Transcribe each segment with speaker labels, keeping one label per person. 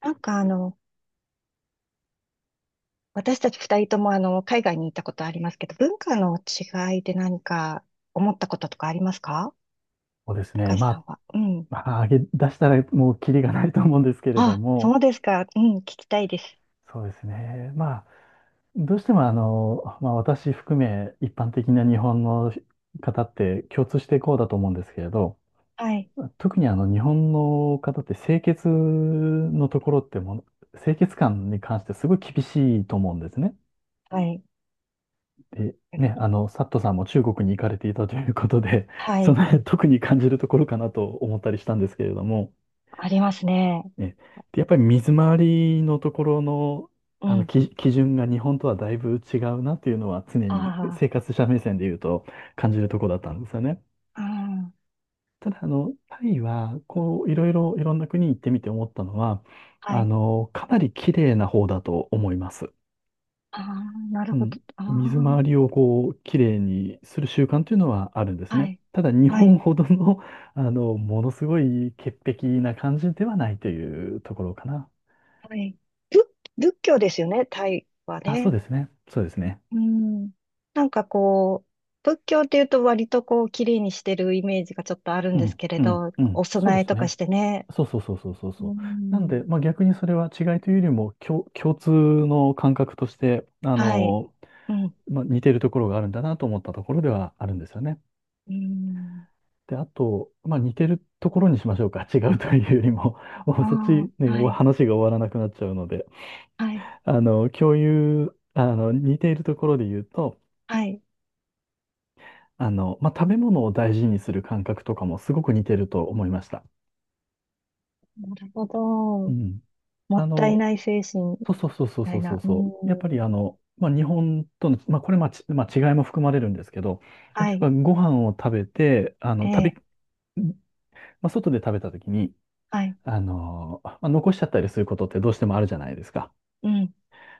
Speaker 1: なんか私たち二人とも海外に行ったことありますけど、文化の違いで何か思ったこととかありますか、
Speaker 2: そうです
Speaker 1: 高
Speaker 2: ね。
Speaker 1: 橋
Speaker 2: ま
Speaker 1: さん
Speaker 2: あ、
Speaker 1: は？うん。
Speaker 2: まあ、上げ出したらもうキリがないと思うんですけれど
Speaker 1: あ、そ
Speaker 2: も、
Speaker 1: うですか。うん、聞きたいです。
Speaker 2: そうですね。まあ、どうしてもまあ、私含め一般的な日本の方って共通してこうだと思うんですけれど、
Speaker 1: はい。
Speaker 2: 特に日本の方って清潔のところってもう、清潔感に関してすごい厳しいと思うんですね。
Speaker 1: はい。
Speaker 2: で、ね、サットさんも中国に行かれていたということで、
Speaker 1: は
Speaker 2: そ
Speaker 1: い。
Speaker 2: の辺特に感じるところかなと思ったりしたんですけれども、
Speaker 1: ありますね。
Speaker 2: ねで、やっぱり水回りのところの、
Speaker 1: うん。
Speaker 2: 基準が日本とはだいぶ違うなっていうのは常に
Speaker 1: あ
Speaker 2: 生活者目線で言うと感じるところだったんですよね。
Speaker 1: あ、ああ、
Speaker 2: ただ、タイは、こう、いろんな国行ってみて思ったのは、
Speaker 1: はい。
Speaker 2: かなり綺麗な方だと思います。
Speaker 1: ああ、なる
Speaker 2: う
Speaker 1: ほど。
Speaker 2: ん。水
Speaker 1: あ
Speaker 2: 回りをこう、綺麗にする習慣というのはあるんで
Speaker 1: あ、
Speaker 2: す
Speaker 1: は
Speaker 2: ね。
Speaker 1: い。
Speaker 2: ただ、日
Speaker 1: は
Speaker 2: 本
Speaker 1: い。
Speaker 2: ほどの、ものすごい潔癖な感じではないというところかな。
Speaker 1: はい。仏、仏教ですよね、タイは
Speaker 2: あ、そう
Speaker 1: ね。
Speaker 2: ですね。そうですね。
Speaker 1: うん。なんかこう、仏教っていうと割とこう、綺麗にしてるイメージがちょっとあるん
Speaker 2: う
Speaker 1: です
Speaker 2: ん、
Speaker 1: けれ
Speaker 2: うん、
Speaker 1: ど、
Speaker 2: う
Speaker 1: お
Speaker 2: ん。そ
Speaker 1: 供
Speaker 2: うで
Speaker 1: え
Speaker 2: す
Speaker 1: とか
Speaker 2: ね。
Speaker 1: してね。
Speaker 2: そうそうそうそうそうそ
Speaker 1: う
Speaker 2: う。なんで、
Speaker 1: ん。
Speaker 2: まあ逆にそれは違いというよりも、共通の感覚として、
Speaker 1: はい。うん。
Speaker 2: まあ似てるところがあるんだなと思ったところではあるんですよね。
Speaker 1: うん。
Speaker 2: で、あと、まあ似てるところにしましょうか。違うというよりも、もう
Speaker 1: あ
Speaker 2: そっち
Speaker 1: あ、
Speaker 2: ね、
Speaker 1: は
Speaker 2: お
Speaker 1: い。
Speaker 2: 話が終わらなくなっちゃうので、
Speaker 1: はい。
Speaker 2: あの、共有、あの、似ているところで言うと、
Speaker 1: はい。
Speaker 2: まあ食べ物を大事にする感覚とかもすごく似てると思いました。
Speaker 1: なるほ
Speaker 2: う
Speaker 1: ど。
Speaker 2: ん。
Speaker 1: も
Speaker 2: あ
Speaker 1: ったい
Speaker 2: の、
Speaker 1: ない精神み
Speaker 2: そうそうそうそう
Speaker 1: た
Speaker 2: そ
Speaker 1: い
Speaker 2: うそ
Speaker 1: な。
Speaker 2: う
Speaker 1: う
Speaker 2: そう。やっぱり
Speaker 1: ん。
Speaker 2: まあ、日本との、まあ、これまあ、ちまあ、違いも含まれるんですけど、例
Speaker 1: は
Speaker 2: え
Speaker 1: い。
Speaker 2: ばご飯を食べて、
Speaker 1: ええ。
Speaker 2: まあ、外で食べた時に、
Speaker 1: はい。
Speaker 2: まあ、残しちゃったりすることってどうしてもあるじゃないですか。
Speaker 1: うん。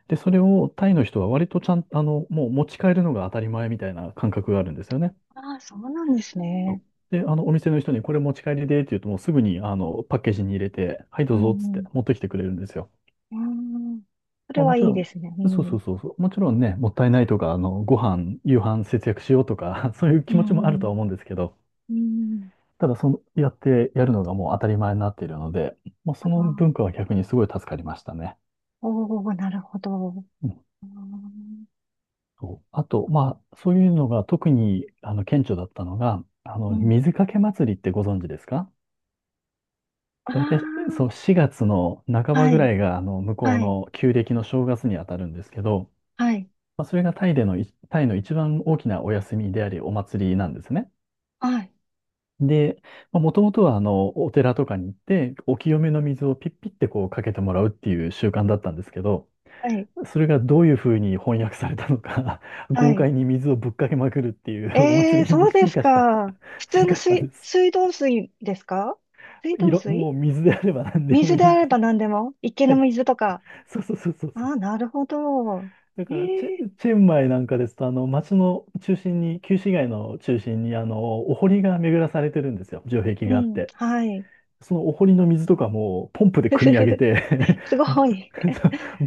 Speaker 2: で、それをタイの人は割とちゃん、あの、もう持ち帰るのが当たり前みたいな感覚があるんですよね。
Speaker 1: ああ、そうなんですね。
Speaker 2: で、お店の人にこれ持ち帰りでって言うともうすぐに、パッケージに入れて、はい、ど
Speaker 1: う
Speaker 2: うぞっつって
Speaker 1: ん。
Speaker 2: 持ってきてくれるんですよ。
Speaker 1: うん。あん。それ
Speaker 2: まあも
Speaker 1: は
Speaker 2: ち
Speaker 1: いい
Speaker 2: ろ
Speaker 1: で
Speaker 2: ん、
Speaker 1: すね。う
Speaker 2: そうそ
Speaker 1: ん。
Speaker 2: うそうそう、もちろんね、もったいないとか、ご飯、夕飯節約しようとか、そういう
Speaker 1: う
Speaker 2: 気持ちもあ
Speaker 1: ん。う
Speaker 2: ると
Speaker 1: ん。
Speaker 2: は思うんですけど、
Speaker 1: うん。
Speaker 2: ただその、やってやるのがもう当たり前になっているので、まあ
Speaker 1: あ
Speaker 2: その文化
Speaker 1: あ。
Speaker 2: は逆にすごい助かりましたね。
Speaker 1: おお、なるほど。
Speaker 2: うん
Speaker 1: あー
Speaker 2: そうあと、まあそういうのが特に、顕著だったのが、
Speaker 1: うん。
Speaker 2: 水かけ祭りってご存知ですか？大体、
Speaker 1: あ
Speaker 2: そう、4月の半
Speaker 1: あ、
Speaker 2: ば
Speaker 1: は
Speaker 2: ぐ
Speaker 1: い、
Speaker 2: らいが、向こう
Speaker 1: はい、
Speaker 2: の旧暦の正月に当たるんですけど、
Speaker 1: はい、
Speaker 2: まあ、それがタイでのい、タイの一番大きなお休みであり、お祭りなんですね。
Speaker 1: はい、
Speaker 2: で、まあ、もともとは、お寺とかに行って、お清めの水をピッピッてこうかけてもらうっていう習慣だったんですけど、
Speaker 1: はい、
Speaker 2: それがどういうふうに翻訳されたのか、
Speaker 1: は
Speaker 2: 豪
Speaker 1: い。
Speaker 2: 快に水をぶっかけまくるっていうお
Speaker 1: ええ
Speaker 2: 祭
Speaker 1: ー、
Speaker 2: りに
Speaker 1: そうですか。普
Speaker 2: 進
Speaker 1: 通の
Speaker 2: 化したん
Speaker 1: 水、
Speaker 2: です。
Speaker 1: 水道水ですか？水道水？
Speaker 2: もう水であれば何でも
Speaker 1: 水
Speaker 2: い
Speaker 1: であ
Speaker 2: い。
Speaker 1: れば何でも。池の水とか。
Speaker 2: そうそうそうそう
Speaker 1: ああ、なるほど。
Speaker 2: だ
Speaker 1: え
Speaker 2: から
Speaker 1: え
Speaker 2: チェンマイなんかですと、街の中心に、旧市街の中心に、お堀が巡らされてるんですよ。城壁
Speaker 1: ー、う
Speaker 2: があっ
Speaker 1: ん、
Speaker 2: て。
Speaker 1: はい。
Speaker 2: そのお堀の水とかも、ポンプで
Speaker 1: ふ
Speaker 2: 汲
Speaker 1: ふ
Speaker 2: み上
Speaker 1: ふ
Speaker 2: げ
Speaker 1: ふ、
Speaker 2: て
Speaker 1: すご い。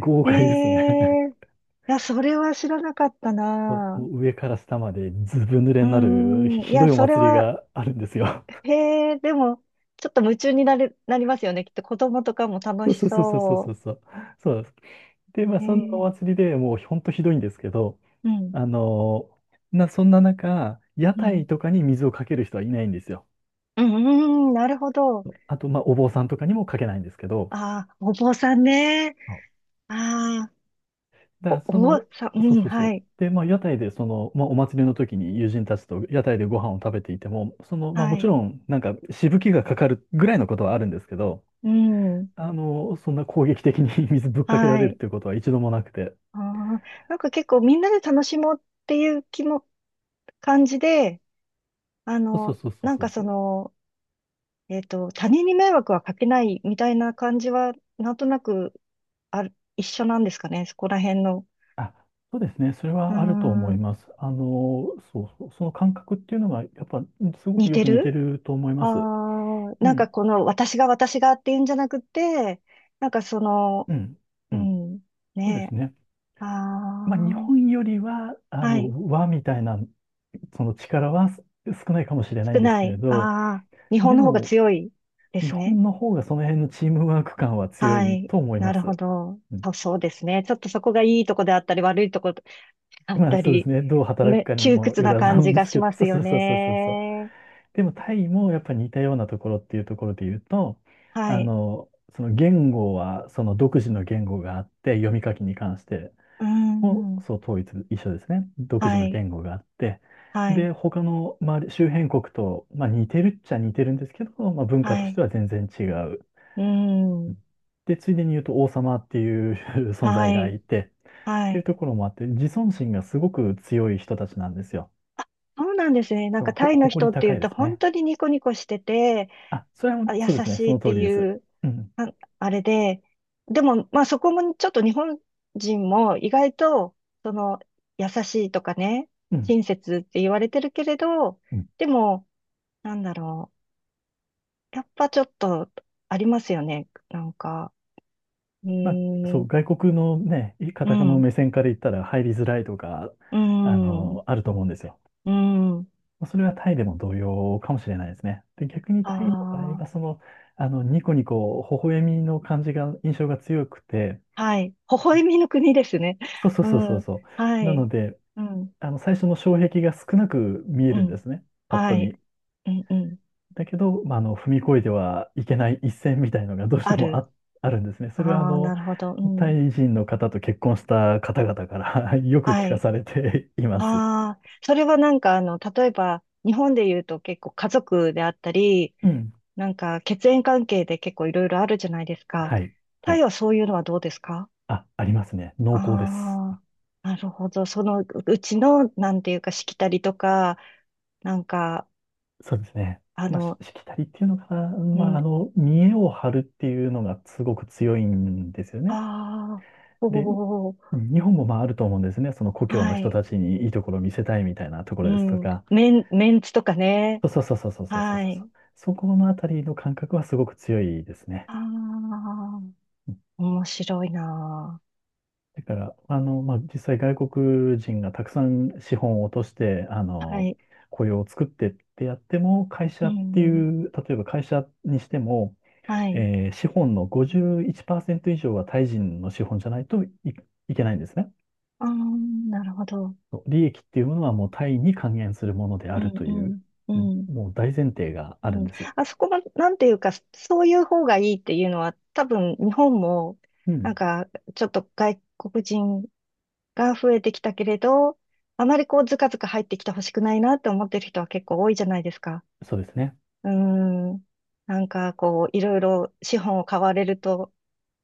Speaker 2: 豪
Speaker 1: え
Speaker 2: 快ですね。
Speaker 1: えー、いや、それは知らなかった
Speaker 2: そう、も
Speaker 1: な。
Speaker 2: う上から下までずぶ濡
Speaker 1: う
Speaker 2: れになる、
Speaker 1: ーん、い
Speaker 2: ひど
Speaker 1: や、
Speaker 2: いお
Speaker 1: それ
Speaker 2: 祭り
Speaker 1: は、
Speaker 2: があるんですよ。
Speaker 1: へえ、でも、ちょっと夢中になれ、なりますよね。きっと子供とかも楽
Speaker 2: そう
Speaker 1: し
Speaker 2: そうそうそうそうそ
Speaker 1: そ
Speaker 2: うそう。そうです。で、まあ、
Speaker 1: う。へ
Speaker 2: そんなお
Speaker 1: え、
Speaker 2: 祭りでもう、ほんとひどいんですけど、
Speaker 1: うん、
Speaker 2: あの、そんな中、屋
Speaker 1: うん。
Speaker 2: 台とかに水をかける人はいないんですよ。
Speaker 1: うん、うん、なるほど。
Speaker 2: あと、まあ、お坊さんとかにもかけないんですけど、
Speaker 1: ああ、お坊さんね。
Speaker 2: あ
Speaker 1: ああ、
Speaker 2: だから
Speaker 1: お
Speaker 2: そ
Speaker 1: 坊
Speaker 2: の、
Speaker 1: さん、
Speaker 2: そう
Speaker 1: うん、
Speaker 2: そうそ
Speaker 1: は
Speaker 2: う。
Speaker 1: い、
Speaker 2: で、まあ、屋台で、その、まあ、お祭りの時に友人たちと屋台でご飯を食べていても、その、まあ、
Speaker 1: は
Speaker 2: もち
Speaker 1: い、
Speaker 2: ろん、なんか、しぶきがかかるぐらいのことはあるんですけど、
Speaker 1: うん、
Speaker 2: そんな攻撃的に 水ぶっかけら
Speaker 1: は
Speaker 2: れるっ
Speaker 1: い。
Speaker 2: ていうことは一度もなくて。
Speaker 1: ああ、なんか結構みんなで楽しもうっていう気も、感じで、
Speaker 2: そうそうそう
Speaker 1: なん
Speaker 2: そ
Speaker 1: か
Speaker 2: うそ
Speaker 1: そ
Speaker 2: う。
Speaker 1: の、他人に迷惑はかけないみたいな感じは、なんとなく、ある、一緒なんですかね。そこら辺の。
Speaker 2: あ、そうですね。それ
Speaker 1: うー
Speaker 2: はあると思い
Speaker 1: ん、
Speaker 2: ます。そうそう。その感覚っていうのが、やっぱ、すご
Speaker 1: 似
Speaker 2: くよ
Speaker 1: て
Speaker 2: く似て
Speaker 1: る。
Speaker 2: ると思い
Speaker 1: あ
Speaker 2: ま
Speaker 1: あ
Speaker 2: す。
Speaker 1: ー、
Speaker 2: う
Speaker 1: なん
Speaker 2: ん、
Speaker 1: かこの私が私がっていうんじゃなくて、なんかその、
Speaker 2: うん、
Speaker 1: う
Speaker 2: うん。
Speaker 1: ん、
Speaker 2: そうで
Speaker 1: ね
Speaker 2: す
Speaker 1: え、
Speaker 2: ね。まあ、日
Speaker 1: あ
Speaker 2: 本よりは、
Speaker 1: あ、はい、
Speaker 2: 和みたいな、その力はす少ないかもしれない
Speaker 1: 少
Speaker 2: んです
Speaker 1: な
Speaker 2: けれ
Speaker 1: い、
Speaker 2: ど、
Speaker 1: ああ、日本
Speaker 2: で
Speaker 1: の方が
Speaker 2: も、
Speaker 1: 強いで
Speaker 2: 日
Speaker 1: すね。
Speaker 2: 本の方がその辺のチームワーク感は強
Speaker 1: は
Speaker 2: い
Speaker 1: い、
Speaker 2: と思い
Speaker 1: な
Speaker 2: ま
Speaker 1: るほ
Speaker 2: す。
Speaker 1: ど。
Speaker 2: うん
Speaker 1: そうそうですね。ちょっとそこがいいとこであったり、悪いとこであっ
Speaker 2: まあ、
Speaker 1: た
Speaker 2: そうです
Speaker 1: り、
Speaker 2: ね。どう働く
Speaker 1: ね、
Speaker 2: かに
Speaker 1: 窮
Speaker 2: も
Speaker 1: 屈
Speaker 2: よ
Speaker 1: な
Speaker 2: らずな
Speaker 1: 感
Speaker 2: ん
Speaker 1: じ
Speaker 2: で
Speaker 1: が
Speaker 2: す
Speaker 1: し
Speaker 2: け
Speaker 1: ま
Speaker 2: ど、
Speaker 1: す
Speaker 2: そうそ
Speaker 1: よ
Speaker 2: うそうそうそうそう。
Speaker 1: ね。
Speaker 2: でも、タイもやっぱ似たようなところっていうところで言うと、
Speaker 1: は
Speaker 2: あ
Speaker 1: い、
Speaker 2: の、その独自の言語があって、読み書きに関して。
Speaker 1: う
Speaker 2: も
Speaker 1: ん、
Speaker 2: そう統一、一緒ですね。独自
Speaker 1: は
Speaker 2: の
Speaker 1: い、
Speaker 2: 言語があって、
Speaker 1: はい、
Speaker 2: で、他の周り、周辺国と、まあ、似てるっちゃ似てるんですけど、まあ、文化
Speaker 1: は
Speaker 2: として
Speaker 1: い、
Speaker 2: は全然違う。
Speaker 1: う
Speaker 2: う
Speaker 1: ん、
Speaker 2: んで、ついでに言うと王様っていう 存
Speaker 1: は
Speaker 2: 在が
Speaker 1: い、
Speaker 2: いて、っ
Speaker 1: は
Speaker 2: ていう
Speaker 1: い。
Speaker 2: ところもあって、自尊心がすごく強い人たちなんですよ。
Speaker 1: そうなんですね。なんかタイの
Speaker 2: 誇
Speaker 1: 人
Speaker 2: り
Speaker 1: って
Speaker 2: 高
Speaker 1: 言う
Speaker 2: いで
Speaker 1: と
Speaker 2: す
Speaker 1: 本
Speaker 2: ね。
Speaker 1: 当にニコニコしてて、
Speaker 2: あ、それは、
Speaker 1: あ、優
Speaker 2: そうですね、そ
Speaker 1: しい
Speaker 2: の
Speaker 1: っ
Speaker 2: 通
Speaker 1: て
Speaker 2: りで
Speaker 1: い
Speaker 2: す。
Speaker 1: う
Speaker 2: うん、
Speaker 1: あ、あれで、でもまあそこもちょっと日本人も意外とその優しいとかね、
Speaker 2: うん、
Speaker 1: 親切って言われてるけれど、
Speaker 2: うん。
Speaker 1: でもなんだろう。やっぱちょっとありますよね。なんか、う
Speaker 2: まあ、そ
Speaker 1: ー
Speaker 2: う、
Speaker 1: ん、
Speaker 2: 外国のね、
Speaker 1: う
Speaker 2: 方
Speaker 1: ん、
Speaker 2: の
Speaker 1: う
Speaker 2: 目線から言ったら入りづらいとか、
Speaker 1: ーん、う
Speaker 2: あると思うんですよ。
Speaker 1: ーん、
Speaker 2: まあそれはタイでも同様かもしれないですね。で、逆に
Speaker 1: あ
Speaker 2: タイの場合
Speaker 1: あ
Speaker 2: は、そ
Speaker 1: ー。
Speaker 2: の、ニコニコ、微笑みの感じが、印象が強くて、
Speaker 1: はい。微笑みの国ですね。
Speaker 2: そうそう
Speaker 1: う
Speaker 2: そうそう
Speaker 1: ん。
Speaker 2: そ
Speaker 1: は
Speaker 2: う。なの
Speaker 1: い。
Speaker 2: で、
Speaker 1: うん。
Speaker 2: 最初の障壁が少なく見え
Speaker 1: う
Speaker 2: るんで
Speaker 1: ん。
Speaker 2: すね。パッと
Speaker 1: はい。
Speaker 2: 見。
Speaker 1: うん。うん。
Speaker 2: だけど、まあ、踏み越えてはいけない一線みたいのがどうし
Speaker 1: あ
Speaker 2: ても
Speaker 1: る。
Speaker 2: あ、あるんですね。それは、
Speaker 1: ああ、なるほど。う
Speaker 2: タ
Speaker 1: ん。
Speaker 2: イ人の方と結婚した方々から よく聞
Speaker 1: は
Speaker 2: か
Speaker 1: い。
Speaker 2: されています。
Speaker 1: ああ、それはなんか、例えば、日本で言うと結構家族であったり、
Speaker 2: うん。
Speaker 1: なんか血縁関係で結構いろいろあるじゃないですか。
Speaker 2: はい。は
Speaker 1: タイ
Speaker 2: い。
Speaker 1: はそういうのはどうですか？
Speaker 2: あ、ありますね。濃厚です。
Speaker 1: ああー、なるほど。そのうちの、なんていうか、しきたりとか、なんか、
Speaker 2: そうですね。
Speaker 1: あ
Speaker 2: まあ、し
Speaker 1: の、
Speaker 2: しきたりっていうのかな。
Speaker 1: う
Speaker 2: まあ、
Speaker 1: ん。
Speaker 2: 見栄を張るっていうのがすごく強いんですよね。
Speaker 1: ああ、お
Speaker 2: で、
Speaker 1: お、
Speaker 2: 日本もまああると思うんですね。その故郷の
Speaker 1: は
Speaker 2: 人
Speaker 1: い。
Speaker 2: たちにいいところを見せたいみたいなとこ
Speaker 1: う
Speaker 2: ろですと
Speaker 1: ん。
Speaker 2: か。
Speaker 1: メンツとかね。
Speaker 2: そうそうそうそうそうそうそう
Speaker 1: は
Speaker 2: そ
Speaker 1: い。
Speaker 2: う。そこのあたりの感覚はすごく強いですね。
Speaker 1: ああ、
Speaker 2: うん
Speaker 1: 面白いな
Speaker 2: だから、まあ、実際外国人がたくさん資本を落として、
Speaker 1: あ。はい。
Speaker 2: 雇用を作ってってやっても、会
Speaker 1: う
Speaker 2: 社っ
Speaker 1: ん、
Speaker 2: て
Speaker 1: う
Speaker 2: い
Speaker 1: ん。
Speaker 2: う、例えば会社にしても、
Speaker 1: はい。
Speaker 2: 資本の51%以上はタイ人の資本じゃないとい、いけないんですね。
Speaker 1: ああ、なるほど。
Speaker 2: そう利益っていうものはもうタイに還元するものであ
Speaker 1: う
Speaker 2: る
Speaker 1: ん、
Speaker 2: と
Speaker 1: う
Speaker 2: いう、
Speaker 1: ん、う
Speaker 2: うん、
Speaker 1: ん、
Speaker 2: もう大前提が
Speaker 1: う
Speaker 2: あるん
Speaker 1: ん。
Speaker 2: です。
Speaker 1: あそこも、なんていうか、そういう方がいいっていうのは、多分、日本も、
Speaker 2: う
Speaker 1: なん
Speaker 2: ん、
Speaker 1: か、ちょっと外国人が増えてきたけれど、あまりこう、ずかずか入ってきてほしくないなって思ってる人は結構多いじゃないですか。
Speaker 2: そうですね。
Speaker 1: うーん。なんかこう、いろいろ資本を買われると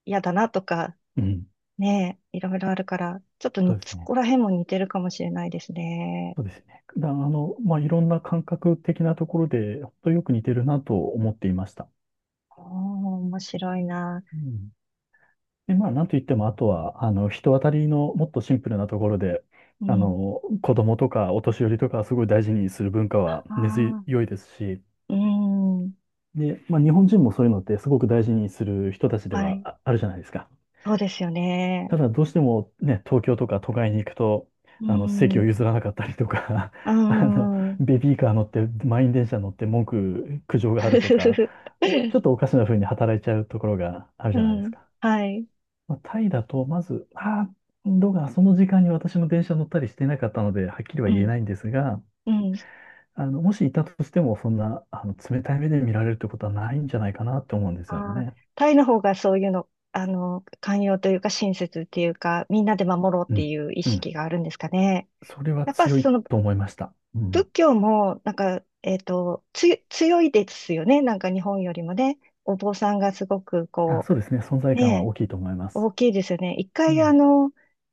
Speaker 1: 嫌だなとか、
Speaker 2: うん、
Speaker 1: ねえ、いろいろあるから、ちょっとに、
Speaker 2: そうです
Speaker 1: そ
Speaker 2: ね。
Speaker 1: こら辺も似てるかもしれないですね。
Speaker 2: そうですね。だ、あの、まあ、いろんな感覚的なところで、本当よく似てるなと思っていました。
Speaker 1: おー、面白いな。
Speaker 2: うん。で、まあ、なんといっても、あとは、人当たりのもっとシンプルなところで、
Speaker 1: うん。
Speaker 2: 子供とかお年寄りとかすごい大事にする文化
Speaker 1: あ
Speaker 2: は根
Speaker 1: あ、
Speaker 2: 強いですし、
Speaker 1: うん。
Speaker 2: で、まあ、日本人もそういうのってすごく大事にする人たちで
Speaker 1: は
Speaker 2: は
Speaker 1: い。
Speaker 2: ああるじゃないですか。
Speaker 1: そうですよね。
Speaker 2: ただどうしてもね、東京とか都会に行くと、
Speaker 1: うー
Speaker 2: あの席を
Speaker 1: ん。
Speaker 2: 譲らなかったりとか、
Speaker 1: う
Speaker 2: あの
Speaker 1: ん。
Speaker 2: ベビーカー乗って、満員電車乗って苦情があるとか、ちょっとお かしな風に働いちゃうところがある
Speaker 1: う
Speaker 2: じゃないです
Speaker 1: ん。
Speaker 2: か。
Speaker 1: はい。
Speaker 2: まあ、タイだと、まず、ああ、どうかその時間に私も電車乗ったりしてなかったので、はっきりは
Speaker 1: う
Speaker 2: 言え
Speaker 1: ん。
Speaker 2: ないんですが、
Speaker 1: うん。
Speaker 2: もしいたとしても、そんな冷たい目で見られるってことはないんじゃないかなって思うんですよ
Speaker 1: ああ、
Speaker 2: ね。
Speaker 1: タイの方がそういうの、寛容というか親切っていうか、みんなで守ろうっ
Speaker 2: う
Speaker 1: て
Speaker 2: ん。
Speaker 1: いう意
Speaker 2: う
Speaker 1: 識
Speaker 2: ん。
Speaker 1: があるんですかね。
Speaker 2: それは
Speaker 1: やっぱ
Speaker 2: 強
Speaker 1: そ
Speaker 2: い
Speaker 1: の
Speaker 2: と思いました。うん。
Speaker 1: 仏教も、なんか、強いですよね。なんか日本よりもね。お坊さんがすごく
Speaker 2: あ、
Speaker 1: こ
Speaker 2: そうですね。存
Speaker 1: う、
Speaker 2: 在感は
Speaker 1: ね、
Speaker 2: 大きいと思います。
Speaker 1: 大きいですよね。一
Speaker 2: う
Speaker 1: 回
Speaker 2: ん。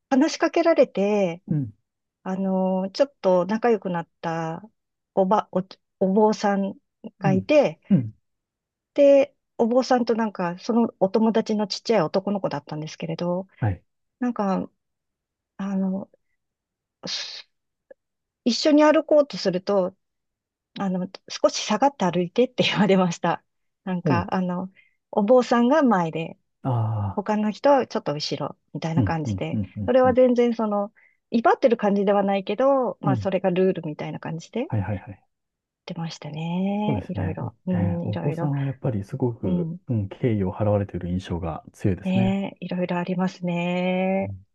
Speaker 1: 話しかけられて、
Speaker 2: うん。
Speaker 1: ちょっと仲良くなったおば、お、お坊さん
Speaker 2: う
Speaker 1: がい
Speaker 2: ん。
Speaker 1: て、
Speaker 2: うん。
Speaker 1: で、お坊さんとなんか、そのお友達のちっちゃい男の子だったんですけれど、
Speaker 2: はい。
Speaker 1: なんか、あの、す一緒に歩こうとすると、少し下がって歩いてって言われました。なん
Speaker 2: お
Speaker 1: か、
Speaker 2: う。
Speaker 1: お坊さんが前で、
Speaker 2: ああ。
Speaker 1: 他の人はちょっと後ろ、みたい
Speaker 2: う
Speaker 1: な
Speaker 2: ん。
Speaker 1: 感
Speaker 2: う
Speaker 1: じ
Speaker 2: ん。う
Speaker 1: で、
Speaker 2: ん。う
Speaker 1: そ
Speaker 2: ん。
Speaker 1: れ
Speaker 2: う
Speaker 1: は
Speaker 2: ん。
Speaker 1: 全然その、威張ってる感じではないけど、
Speaker 2: う
Speaker 1: まあ、そ
Speaker 2: ん
Speaker 1: れがルールみたいな感じで言っ
Speaker 2: はいはいはい。
Speaker 1: てました
Speaker 2: そう
Speaker 1: ね。
Speaker 2: で
Speaker 1: い
Speaker 2: す
Speaker 1: ろい
Speaker 2: ね。
Speaker 1: ろ、
Speaker 2: お、
Speaker 1: う
Speaker 2: えー
Speaker 1: ん、い
Speaker 2: お
Speaker 1: ろ
Speaker 2: 坊
Speaker 1: い
Speaker 2: さ
Speaker 1: ろ、
Speaker 2: んはやっぱりすご
Speaker 1: う
Speaker 2: く、
Speaker 1: ん、
Speaker 2: うん、敬意を払われている印象が強いですね。
Speaker 1: ね、いろいろあります
Speaker 2: う
Speaker 1: ね。
Speaker 2: ん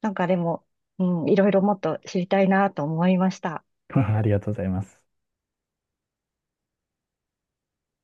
Speaker 1: なんかでも、うん、いろいろもっと知りたいなと思いました。
Speaker 2: ありがとうございます。